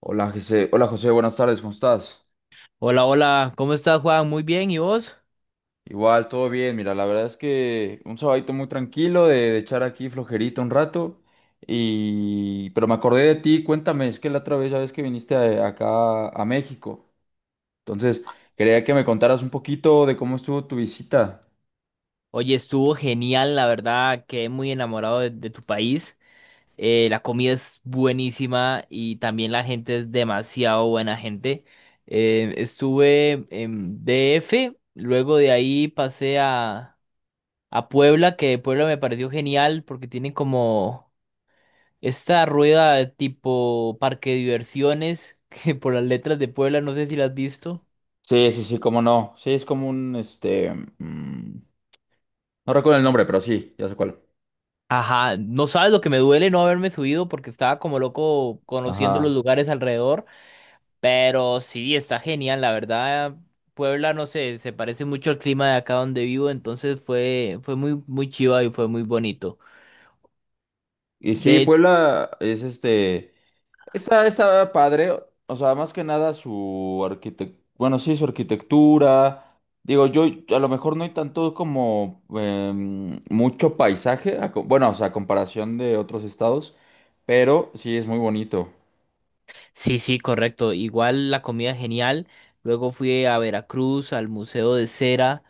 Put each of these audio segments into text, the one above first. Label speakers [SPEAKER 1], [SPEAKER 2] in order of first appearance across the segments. [SPEAKER 1] Hola José, buenas tardes, ¿cómo estás?
[SPEAKER 2] Hola, hola, ¿cómo estás, Juan? Muy bien, ¿y vos?
[SPEAKER 1] Igual, todo bien, mira, la verdad es que un sabadito muy tranquilo de echar aquí flojerito un rato Pero me acordé de ti, cuéntame, es que la otra vez ya ves que viniste acá a México, entonces quería que me contaras un poquito de cómo estuvo tu visita.
[SPEAKER 2] Oye, estuvo genial, la verdad, quedé muy enamorado de tu país. La comida es buenísima y también la gente es demasiado buena gente. Estuve en DF, luego de ahí pasé a Puebla, que Puebla me pareció genial porque tienen como esta rueda de tipo parque de diversiones, que por las letras de Puebla, no sé si la has visto.
[SPEAKER 1] Sí, sí, sí, cómo no, sí, es como un, mm, no recuerdo el nombre, pero sí, ya sé cuál.
[SPEAKER 2] Ajá, no sabes lo que me duele no haberme subido porque estaba como loco conociendo los
[SPEAKER 1] Ajá.
[SPEAKER 2] lugares alrededor, pero sí, está genial, la verdad. Puebla, no sé, se parece mucho al clima de acá donde vivo, entonces fue muy, muy chiva y fue muy bonito.
[SPEAKER 1] Y sí,
[SPEAKER 2] De,
[SPEAKER 1] Puebla es está padre, o sea, más que nada su arquitectura, bueno, sí, su arquitectura. Digo, yo a lo mejor no hay tanto como mucho paisaje, bueno, o sea, a comparación de otros estados, pero sí es muy bonito.
[SPEAKER 2] sí, sí, correcto. Igual la comida genial. Luego fui a Veracruz, al Museo de Cera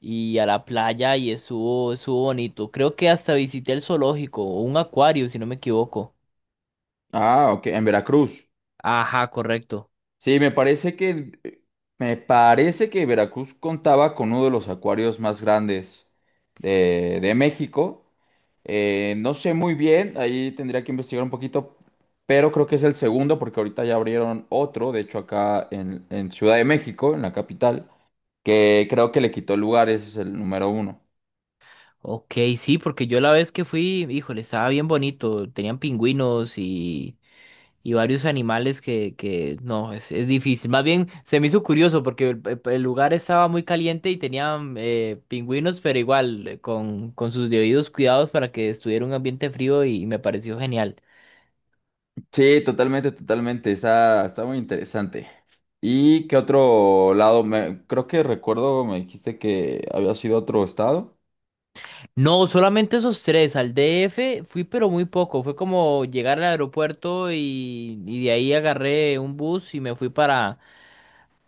[SPEAKER 2] y a la playa y estuvo bonito. Creo que hasta visité el zoológico o un acuario, si no me equivoco.
[SPEAKER 1] Ah, ok, en Veracruz.
[SPEAKER 2] Ajá, correcto.
[SPEAKER 1] Sí, me parece que Veracruz contaba con uno de los acuarios más grandes de, México. No sé muy bien, ahí tendría que investigar un poquito, pero creo que es el segundo porque ahorita ya abrieron otro, de hecho acá en Ciudad de México, en la capital, que creo que le quitó el lugar, ese es el número uno.
[SPEAKER 2] Ok, sí, porque yo la vez que fui, híjole, estaba bien bonito. Tenían pingüinos y varios animales que no, es difícil. Más bien se me hizo curioso porque el lugar estaba muy caliente y tenían pingüinos, pero igual con sus debidos cuidados para que estuviera un ambiente frío y me pareció genial.
[SPEAKER 1] Sí, totalmente, totalmente, está muy interesante. ¿Y qué otro lado? Creo que recuerdo, me dijiste que había sido otro estado.
[SPEAKER 2] No, solamente esos tres. Al DF fui, pero muy poco. Fue como llegar al aeropuerto y de ahí agarré un bus y me fui para.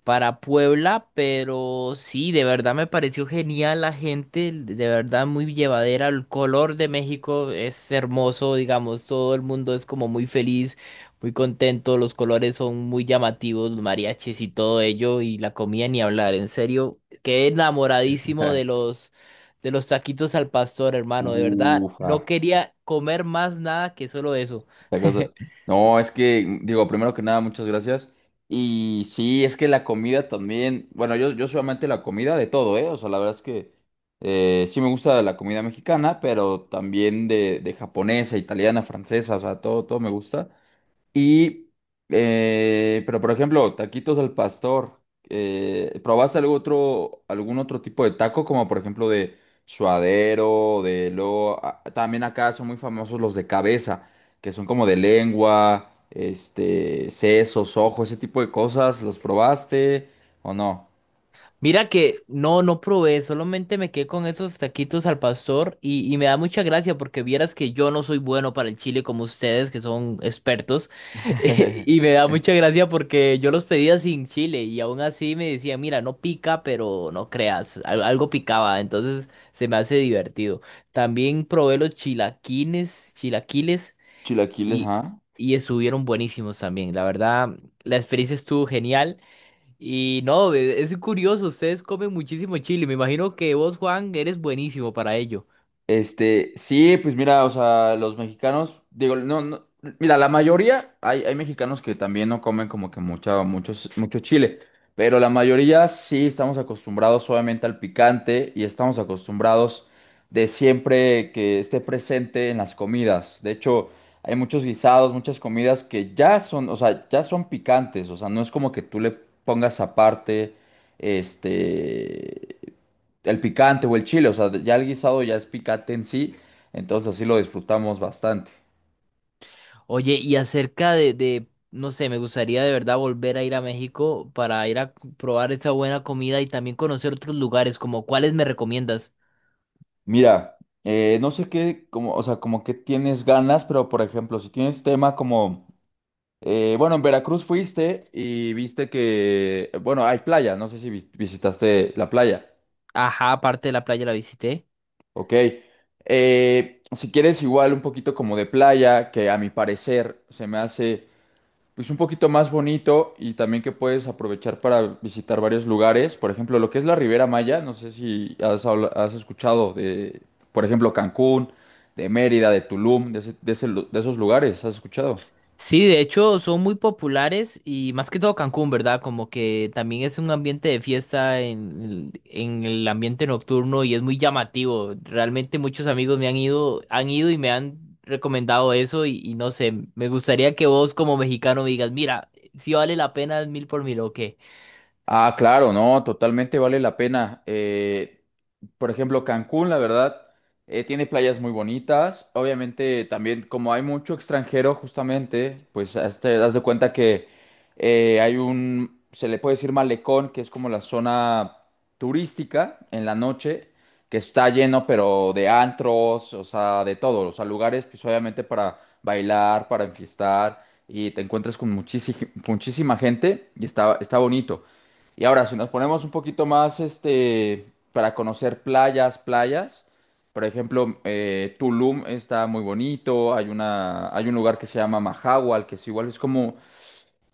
[SPEAKER 2] para Puebla, pero sí, de verdad me pareció genial la gente, de verdad muy llevadera, el color de México es hermoso, digamos, todo el mundo es como muy feliz, muy contento, los colores son muy llamativos, los mariachis y todo ello, y la comida ni hablar, en serio, quedé enamoradísimo de los taquitos al pastor, hermano, de verdad,
[SPEAKER 1] Ufa,
[SPEAKER 2] no quería comer más nada que solo eso.
[SPEAKER 1] esta cosa- no, es que, digo, primero que nada, muchas gracias. Y sí, es que la comida también, bueno, yo soy amante de la comida de todo, ¿eh? O sea, la verdad es que sí me gusta la comida mexicana, pero también de, japonesa, italiana, francesa, o sea, todo, todo me gusta. Y, pero por ejemplo, taquitos al pastor. ¿Probaste algún otro tipo de taco, como por ejemplo de suadero, de lo también acá son muy famosos los de cabeza, que son como de lengua, sesos, ojos, ese tipo de cosas. ¿Los probaste o no?
[SPEAKER 2] Mira que no, no probé, solamente me quedé con esos taquitos al pastor y me da mucha gracia porque vieras que yo no soy bueno para el chile como ustedes que son expertos y me da mucha gracia porque yo los pedía sin chile y aún así me decían, mira, no pica, pero no creas, algo picaba, entonces se me hace divertido. También probé los chilaquines, chilaquiles
[SPEAKER 1] Chilaquiles,
[SPEAKER 2] y,
[SPEAKER 1] ¿ah?
[SPEAKER 2] y estuvieron buenísimos también, la verdad, la experiencia estuvo genial. Y no, es curioso, ustedes comen muchísimo chile. Me imagino que vos, Juan, eres buenísimo para ello.
[SPEAKER 1] Sí, pues mira, o sea, los mexicanos, digo, no, no, mira, la mayoría, hay mexicanos que también no comen como que mucho chile, pero la mayoría sí estamos acostumbrados obviamente al picante y estamos acostumbrados de siempre que esté presente en las comidas. De hecho, hay muchos guisados, muchas comidas que ya son, o sea, ya son picantes, o sea, no es como que tú le pongas aparte, este, el picante o el chile, o sea, ya el guisado ya es picante en sí, entonces así lo disfrutamos bastante.
[SPEAKER 2] Oye, y acerca no sé, me gustaría de verdad volver a ir a México para ir a probar esa buena comida y también conocer otros lugares, como cuáles me recomiendas.
[SPEAKER 1] Mira, no sé qué, como, o sea, como que tienes ganas, pero por ejemplo, si tienes tema como, bueno, en Veracruz fuiste y viste que, bueno, hay playa, no sé si visitaste la playa,
[SPEAKER 2] Ajá, aparte de la playa la visité.
[SPEAKER 1] ok. Si quieres igual un poquito como de playa, que a mi parecer se me hace pues un poquito más bonito y también que puedes aprovechar para visitar varios lugares. Por ejemplo, lo que es la Riviera Maya, no sé si has escuchado de, por ejemplo, Cancún, de Mérida, de Tulum, de esos lugares, ¿has escuchado?
[SPEAKER 2] Sí, de hecho son muy populares y más que todo Cancún, ¿verdad? Como que también es un ambiente de fiesta en el ambiente nocturno y es muy llamativo. Realmente muchos amigos me han ido y me han recomendado eso y no sé, me gustaría que vos como mexicano me digas, mira, si vale la pena es mil por mil o qué.
[SPEAKER 1] Ah, claro, no, totalmente vale la pena. Por ejemplo, Cancún, la verdad, tiene playas muy bonitas. Obviamente, también como hay mucho extranjero, justamente, pues te das de cuenta que hay un, se le puede decir malecón, que es como la zona turística en la noche, que está lleno, pero de antros, o sea, de todo, o sea, lugares, pues obviamente para bailar, para enfiestar, y te encuentras con muchísima, muchísima gente y está bonito. Y ahora, si nos ponemos un poquito más, para conocer playas, playas, por ejemplo, Tulum está muy bonito, hay un lugar que se llama Mahahual, que es igual, es como,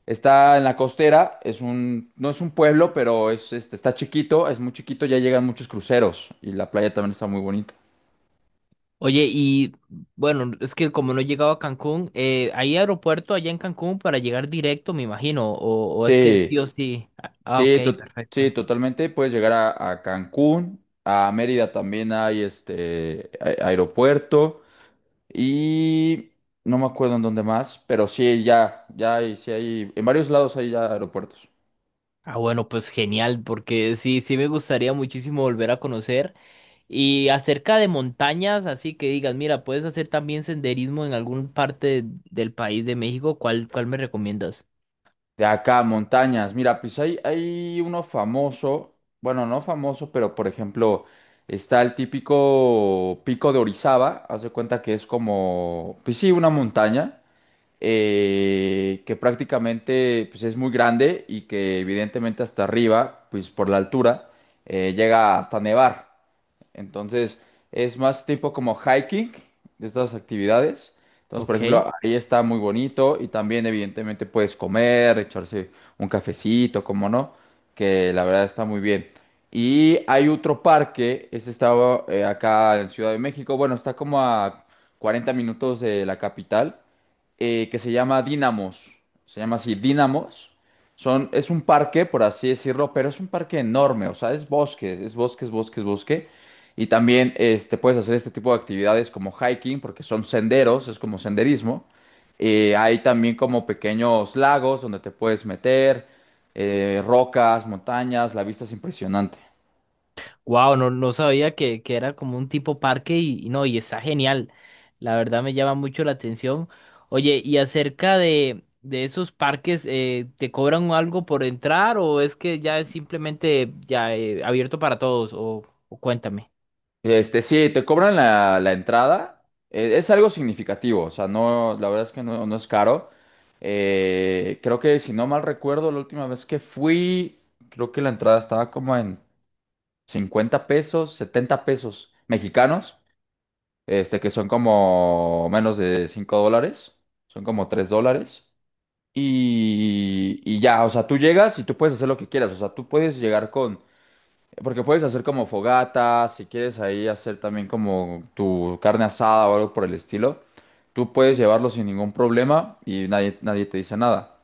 [SPEAKER 1] está en la costera, es un, no es un pueblo, pero está chiquito, es muy chiquito, ya llegan muchos cruceros y la playa también está muy bonita.
[SPEAKER 2] Oye, y bueno, es que como no he llegado a Cancún, ¿hay aeropuerto allá en Cancún para llegar directo, me imagino? O es que sí
[SPEAKER 1] Sí,
[SPEAKER 2] o sí? Ah, ok,
[SPEAKER 1] sí, sí,
[SPEAKER 2] perfecto.
[SPEAKER 1] totalmente, puedes llegar a, Cancún, a Mérida también hay, aeropuerto. Y no me acuerdo en dónde más, pero sí, ya hay, sí hay, en varios lados hay ya aeropuertos.
[SPEAKER 2] Ah, bueno, pues genial, porque sí, sí me gustaría muchísimo volver a conocer. Y acerca de montañas, así que digas, mira, puedes hacer también senderismo en alguna parte del país de México, ¿cuál, cuál me recomiendas?
[SPEAKER 1] De acá, montañas. Mira, pues hay uno famoso, bueno, no famoso, pero por ejemplo, está el típico pico de Orizaba, haz de cuenta que es como, pues sí, una montaña, que prácticamente pues es muy grande y que evidentemente hasta arriba, pues por la altura, llega hasta nevar. Entonces, es más tipo como hiking de estas actividades. Entonces, por
[SPEAKER 2] Ok.
[SPEAKER 1] ejemplo, ahí está muy bonito y también evidentemente puedes comer, echarse un cafecito, como no, que la verdad está muy bien. Y hay otro parque, ese estaba acá en Ciudad de México, bueno, está como a 40 minutos de la capital, que se llama Dinamos, se llama así Dinamos. Es un parque, por así decirlo, pero es un parque enorme, o sea, es bosque, es bosque, es bosque, es bosque. Y también puedes hacer este tipo de actividades como hiking, porque son senderos, es como senderismo. Hay también como pequeños lagos donde te puedes meter, rocas, montañas, la vista es impresionante.
[SPEAKER 2] Wow, no, no sabía que era como un tipo parque y no, y está genial. La verdad me llama mucho la atención. Oye, y acerca de esos parques, ¿te cobran algo por entrar o es que ya es simplemente ya abierto para todos? O cuéntame.
[SPEAKER 1] Sí, te cobran la entrada, es algo significativo, o sea, no, la verdad es que no, no es caro. Creo que si no mal recuerdo, la última vez que fui, creo que la entrada estaba como en $50, $70 mexicanos. Que son como menos de $5, son como $3. Y ya, o sea, tú llegas y tú puedes hacer lo que quieras, o sea, tú puedes llegar porque puedes hacer como fogatas, si quieres ahí hacer también como tu carne asada o algo por el estilo, tú puedes llevarlo sin ningún problema y nadie, nadie te dice nada.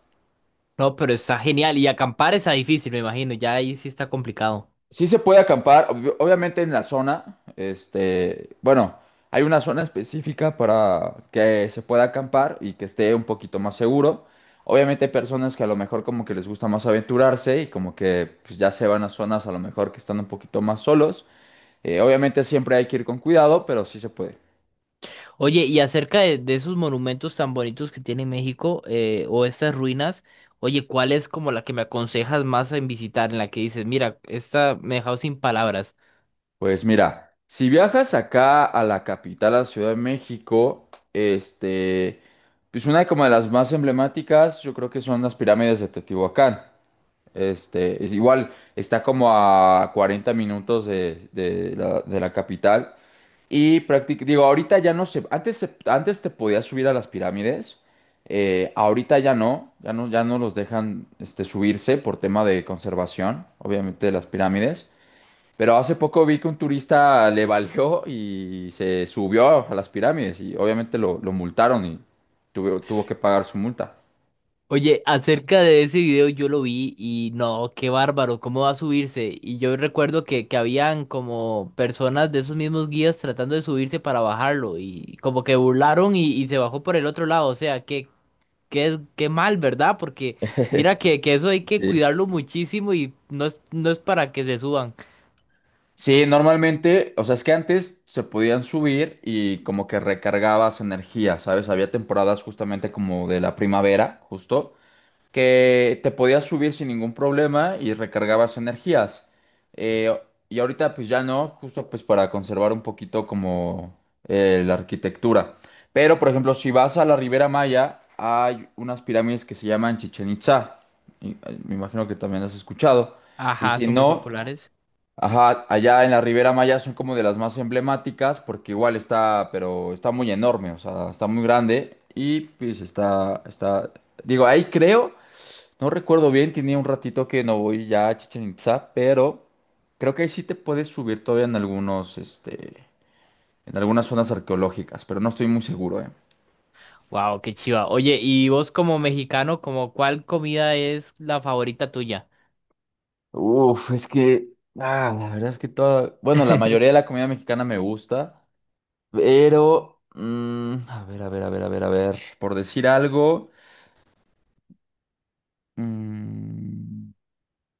[SPEAKER 2] No, pero está genial. Y acampar está difícil, me imagino. Ya ahí sí está complicado.
[SPEAKER 1] Sí se puede acampar, obviamente en la zona, bueno, hay una zona específica para que se pueda acampar y que esté un poquito más seguro. Obviamente hay personas que a lo mejor como que les gusta más aventurarse y como que pues, ya se van a zonas a lo mejor que están un poquito más solos. Obviamente siempre hay que ir con cuidado, pero sí se puede.
[SPEAKER 2] Oye, y acerca de esos monumentos tan bonitos que tiene México, o estas ruinas, oye, ¿cuál es como la que me aconsejas más en visitar? En la que dices, mira, esta me ha dejado sin palabras.
[SPEAKER 1] Pues mira, si viajas acá a la capital, a la Ciudad de México, pues una como de las más emblemáticas, yo creo que son las pirámides de Teotihuacán. Es igual, está como a 40 minutos de la capital. Y prácticamente, digo, ahorita ya no sé, antes, antes te podías subir a las pirámides, ahorita ya no, ya no, ya no los dejan subirse por tema de conservación, obviamente, de las pirámides. Pero hace poco vi que un turista le valió y se subió a las pirámides y obviamente lo multaron y tuvo que pagar su multa.
[SPEAKER 2] Oye, acerca de ese video yo lo vi y no, qué bárbaro, ¿cómo va a subirse? Y yo recuerdo que habían como personas de esos mismos guías tratando de subirse para bajarlo y como que burlaron y se bajó por el otro lado. O sea, qué, qué mal, ¿verdad? Porque mira que eso hay que
[SPEAKER 1] Sí.
[SPEAKER 2] cuidarlo muchísimo y no es, no es para que se suban.
[SPEAKER 1] Sí, normalmente, o sea, es que antes se podían subir y como que recargabas energía, ¿sabes? Había temporadas justamente como de la primavera, justo, que te podías subir sin ningún problema y recargabas energías. Eh, y ahorita pues ya no, justo pues para conservar un poquito como la arquitectura. Pero, por ejemplo, si vas a la Ribera Maya, hay unas pirámides que se llaman Chichen Itza. Me imagino que también has escuchado. Y
[SPEAKER 2] Ajá,
[SPEAKER 1] si
[SPEAKER 2] son muy
[SPEAKER 1] no...
[SPEAKER 2] populares.
[SPEAKER 1] Ajá, allá en la Ribera Maya son como de las más emblemáticas porque igual está, pero está muy enorme, o sea, está muy grande y pues está, digo, ahí creo, no recuerdo bien, tenía un ratito que no voy ya a Chichen Itzá, pero creo que ahí sí te puedes subir todavía en algunas zonas arqueológicas, pero no estoy muy seguro, ¿eh?
[SPEAKER 2] Wow, qué chiva. Oye, y vos como mexicano, ¿como cuál comida es la favorita tuya?
[SPEAKER 1] Uf, es que, la verdad es que toda, bueno, la mayoría de la comida mexicana me gusta. Pero, a ver, a ver, a ver, a ver, a ver, por decir algo, mm,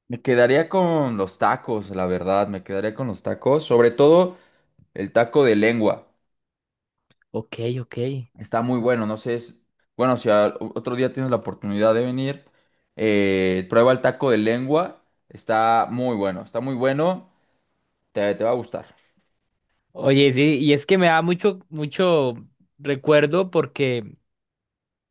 [SPEAKER 1] me quedaría con los tacos, la verdad, me quedaría con los tacos, sobre todo el taco de lengua.
[SPEAKER 2] Ok, ok.
[SPEAKER 1] Está muy bueno, no sé, bueno, si otro día tienes la oportunidad de venir, prueba el taco de lengua, está muy bueno, te va a gustar.
[SPEAKER 2] Oye, sí, y es que me da mucho, mucho recuerdo porque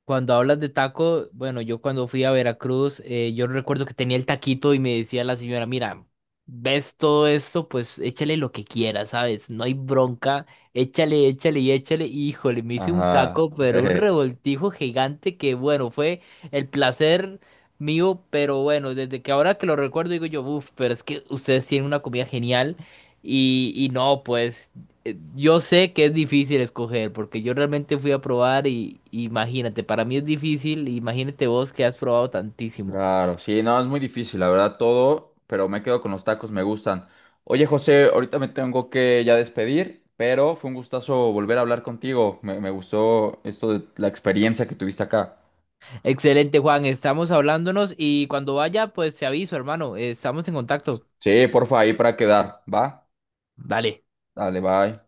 [SPEAKER 2] cuando hablas de taco, bueno, yo cuando fui a Veracruz, yo recuerdo que tenía el taquito y me decía la señora, mira, ves todo esto, pues échale lo que quieras, ¿sabes? No hay bronca, échale, échale y échale. Y, híjole, me hice un
[SPEAKER 1] Ajá.
[SPEAKER 2] taco, pero un revoltijo gigante que, bueno, fue el placer mío, pero bueno, desde que ahora que lo recuerdo digo yo, uff, pero es que ustedes tienen una comida genial y no, pues yo sé que es difícil escoger, porque yo realmente fui a probar y imagínate, para mí es difícil, imagínate vos que has probado tantísimo.
[SPEAKER 1] Claro, sí, no, es muy difícil, la verdad, todo, pero me quedo con los tacos, me gustan. Oye, José, ahorita me tengo que ya despedir, pero fue un gustazo volver a hablar contigo. Me gustó esto de la experiencia que tuviste acá.
[SPEAKER 2] Excelente, Juan, estamos hablándonos y cuando vaya, pues te aviso, hermano, estamos en contacto.
[SPEAKER 1] Sí, porfa, ahí para quedar, ¿va?
[SPEAKER 2] Vale.
[SPEAKER 1] Dale, bye.